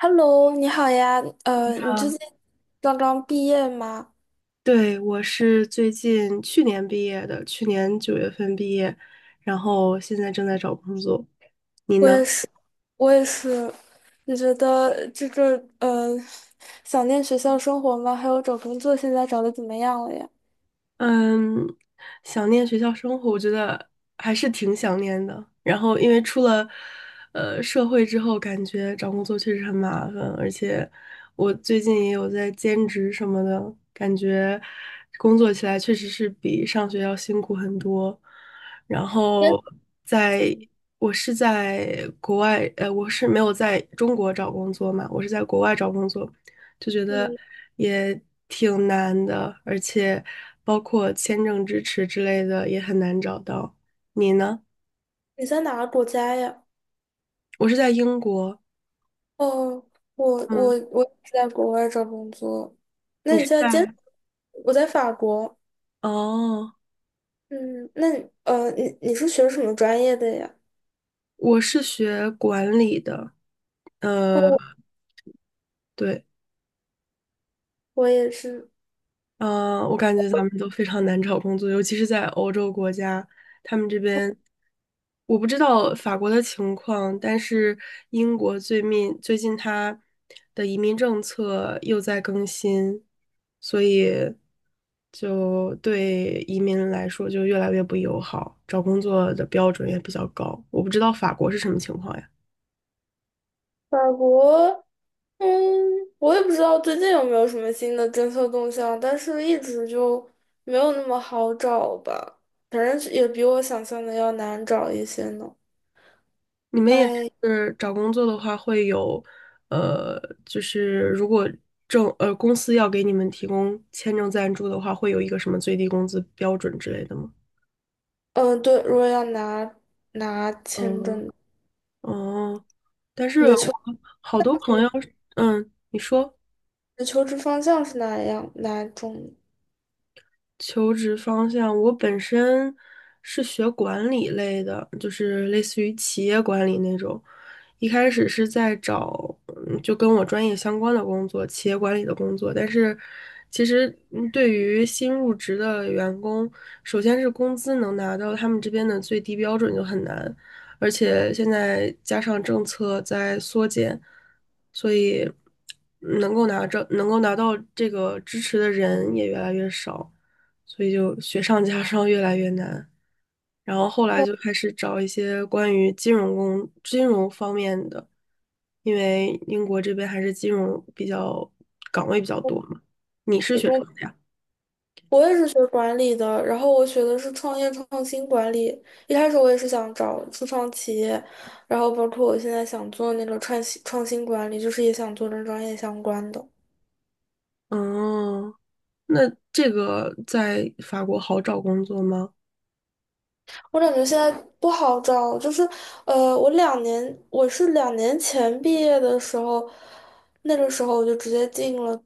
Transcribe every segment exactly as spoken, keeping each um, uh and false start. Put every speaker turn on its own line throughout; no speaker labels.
Hello，你好呀，呃，你最近刚刚毕业吗？
对，我是最近去年毕业的，去年九月份毕业，然后现在正在找工作。你
我也
呢？
是，我也是。你觉得这个呃，想念学校生活吗？还有找工作现在找的怎么样了呀？
嗯，想念学校生活，我觉得还是挺想念的。然后，因为出了呃社会之后，感觉找工作确实很麻烦，而且我最近也有在兼职什么的，感觉工作起来确实是比上学要辛苦很多。然
你在
后
怎
在，
么
我是在国外，呃，我是没有在中国找工作嘛，我是在国外找工作，就觉
嗯
得
你
也挺难的，而且包括签证支持之类的也很难找到。你呢？
你在哪个国家呀？
我是在英国，
哦，我我
嗯，
我也是在国外找工作。那
你
你
是
现在兼，
在？
我在法国。
哦，
嗯，那你呃，你你是学什么专业的呀？
我是学管理的，
哦，
呃，
我
对，
我也是
嗯，我感觉咱们都非常难找工作，尤其是在欧洲国家，他们这边我不知道法国的情况，但是英国最近最近它的移民政策又在更新，所以就对移民来说就越来越不友好，找工作的标准也比较高。我不知道法国是什么情况呀？
法国。嗯，我也不知道最近有没有什么新的政策动向，但是一直就没有那么好找吧，反正也比我想象的要难找一些呢。
你们也
哎，
是找工作的话，会有，呃，就是如果政呃公司要给你们提供签证赞助的话，会有一个什么最低工资标准之类的吗？
嗯，对，如果要拿拿签
嗯，
证，
哦，但是
你的
我
求职
好多朋
你
友，嗯，你说
的求职方向是哪样哪种？
求职方向，我本身是学管理类的，就是类似于企业管理那种，一开始是在找嗯就跟我专业相关的工作，企业管理的工作，但是其实嗯对于新入职的员工，首先是工资能拿到他们这边的最低标准就很难，而且现在加上政策在缩减，所以能够拿着能够拿到这个支持的人也越来越少。所以就雪上加霜，越来越难。然后后来就开始找一些关于金融工、金融方面的，因为英国这边还是金融比较岗位比较多嘛。你是学什么的呀？
我也是学管理的，然后我学的是创业创新管理。一开始我也是想找初创企业，然后包括我现在想做那个创新创新管理，就是也想做跟专业相关的。
哦，那这个在法国好找工作吗？
我感觉现在不好找，就是，呃，我两年，我是两年前毕业的时候，那个时候我就直接进了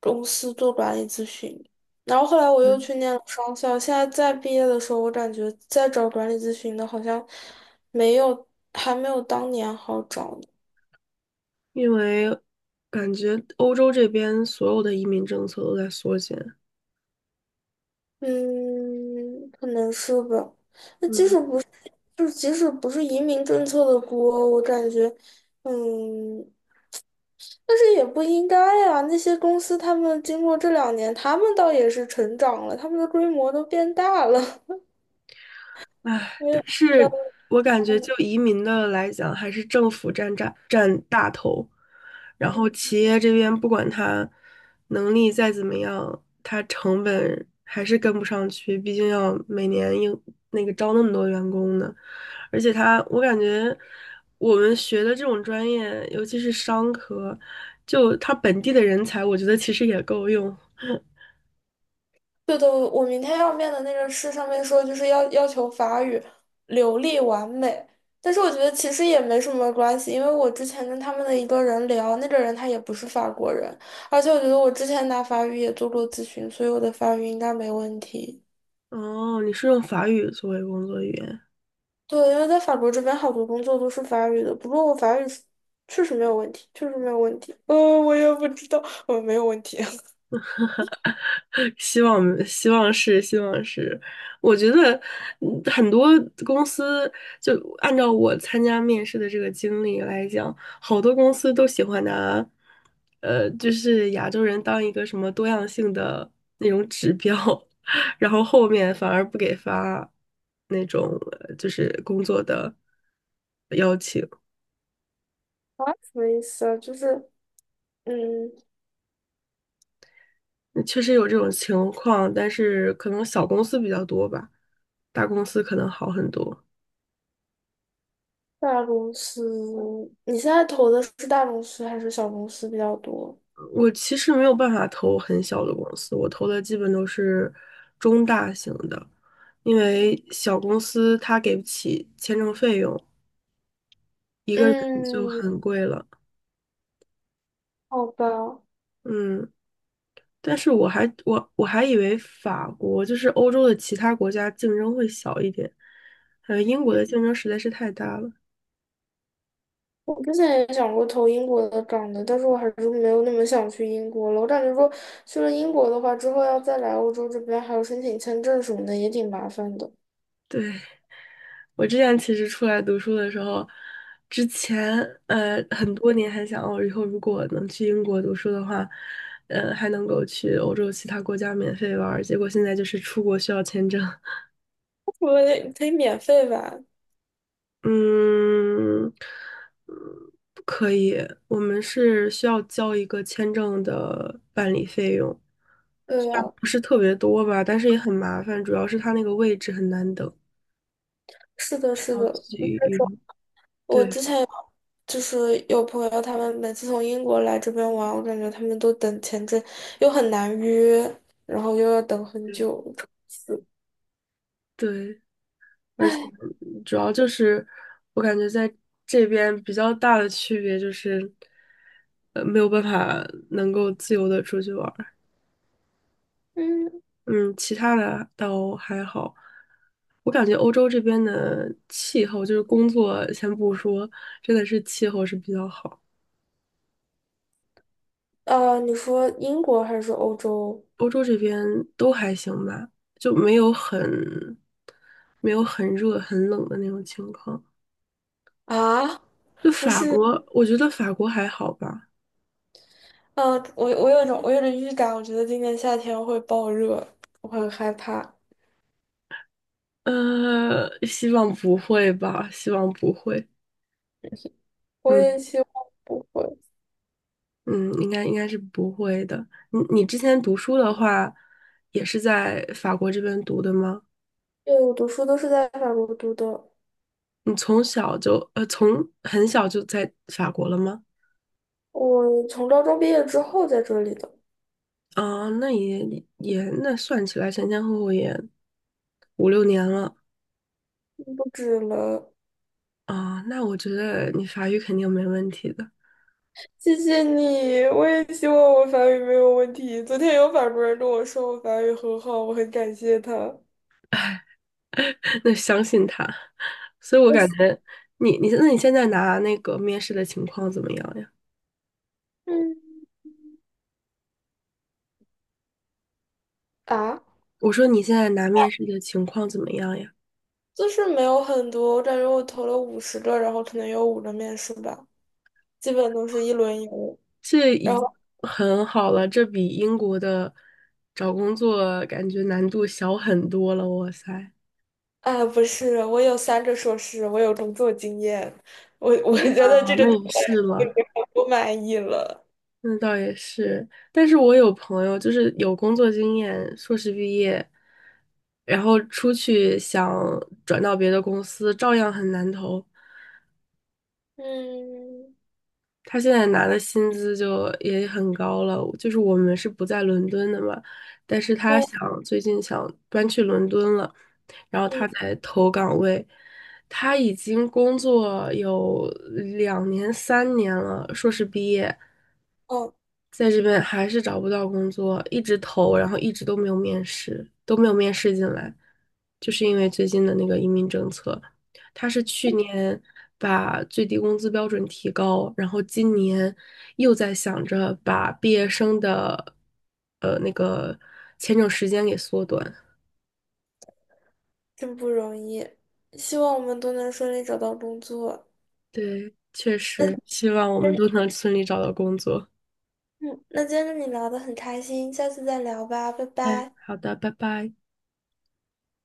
公司做管理咨询，然后后来我又
嗯，
去念了商校，现在再毕业的时候，我感觉再找管理咨询的好像没有，还没有当年好找呢。
因为感觉欧洲这边所有的移民政策都在缩减。
嗯，可能是吧。那即
嗯，
使不，就是即使不是移民政策的锅，我感觉，嗯。但是也不应该呀，那些公司他们经过这两年，他们倒也是成长了，他们的规模都变大了。
唉，
我也
但
不知
是
道。
我感觉就移民的来讲，还是政府占占占大头，然后
嗯，
企业这边不管它能力再怎么样，它成本还是跟不上去，毕竟要每年应那个招那么多员工呢。而且它，我感觉我们学的这种专业，尤其是商科，就它本地的人才，我觉得其实也够用。
对的，我明天要面的那个试上面说就是要要求法语流利完美，但是我觉得其实也没什么关系，因为我之前跟他们的一个人聊，那个人他也不是法国人，而且我觉得我之前拿法语也做过咨询，所以我的法语应该没问题。
哦，你是用法语作为工作语言？
对，因为在法国这边好多工作都是法语的，不过我法语是确实没有问题，确实没有问题。呃，我也不知道，我没有问题。
希望希望是希望是，我觉得嗯很多公司就按照我参加面试的这个经历来讲，好多公司都喜欢拿，呃，就是亚洲人当一个什么多样性的那种指标，然后后面反而不给发那种呃就是工作的邀请，
啊，什么意思啊？就是，嗯，
嗯确实有这种情况，但是可能小公司比较多吧，大公司可能好很多。
大公司，你现在投的是大公司还是小公司比较多？
我其实没有办法投很小的公司，我投的基本都是中大型的，因为小公司它给不起签证费用，一个人就
嗯，
很贵了。
好吧，
嗯，但是我还我我还以为法国就是欧洲的其他国家竞争会小一点，呃，英国的竞争实在是太大了。
我之前也想过投英国的岗的，但是我还是没有那么想去英国了。我感觉说去了英国的话，之后要再来欧洲这边，还有申请签证什么的，也挺麻烦的。
对，我之前其实出来读书的时候，之前呃很多年还想，我以后如果能去英国读书的话，呃还能够去欧洲其他国家免费玩儿。结果现在就是出国需要签证，
我得，可以免费吧？
嗯，嗯不可以，我们是需要交一个签证的办理费用，
对
虽然
呀，
不是特别多吧，但是也很麻烦，主要是它那个位置很难等，
是的，是
要
的。那种
去
我
对
之前有就是有朋友，他们每次从英国来这边玩，我感觉他们都等签证，又很难约，然后又要等很久。是，
对。而且主要就是我感觉在这边比较大的区别就是，呃，没有办法能够自由的出去玩儿。
嗯，
嗯，其他的倒还好。我感觉欧洲这边的气候，就是工作先不说，真的是气候是比较好。
呃，你说英国还是说欧洲
欧洲这边都还行吧，就没有很没有很热很冷的那种情况。
啊？
就法国，我觉得法国还好吧。
嗯、我我有一种我有点预感，我觉得今年夏天会爆热，我很害怕。
呃，希望不会吧，希望不会。
我
嗯
也希望不会，
嗯，应该应该是不会的。你你之前读书的话，也是在法国这边读的吗？
因为我读书都是在法国读的，
你从小就呃，从很小就在法国了吗？
我从高中毕业之后在这里的，
啊，那也也那算起来前前后后也五六年了
不止了。
啊。那我觉得你法语肯定没问题的，
谢谢你，我也希望我法语没有问题。昨天有法国人跟我说我法语很好，我很感谢他。
那相信他。所以我
我
感
喜
觉你你那你现在拿那个面试的情况怎么样呀？
嗯，啊，
我说你现在拿面试的情况怎么样呀？
就是没有很多，我感觉我投了五十个，然后可能有五个面试吧，基本都是一轮游。
这
然
已
后，
很好了，这比英国的找工作感觉难度小很多了。哇塞，
哎，不是，我有三个硕士，我有工作经验，我我觉得
啊，
这个
那
对
也
我来
是
说
了，
我不满意了。
那倒也是。但是我有朋友就是有工作经验，硕士毕业，然后出去想转到别的公司，照样很难投。
嗯，
他现在拿的薪资就也很高了，就是我们是不在伦敦的嘛，但是他
哦，
想最近想搬去伦敦了，然后他
嗯，
在投岗位，他已经工作有两年三年了，硕士毕业，
哦，
在这边还是找不到工作，一直投，然后一直都没有面试，都没有面试进来，就是因为最近的那个移民政策，他是去年把最低工资标准提高，然后今年又在想着把毕业生的呃那个签证时间给缩短。
真不容易，希望我们都能顺利找到工作。
对，确实，希望我们
那
都能顺利找到工作。
嗯，那今天跟你聊得很开心，下次再聊吧，拜
哎，
拜。
好的，拜拜。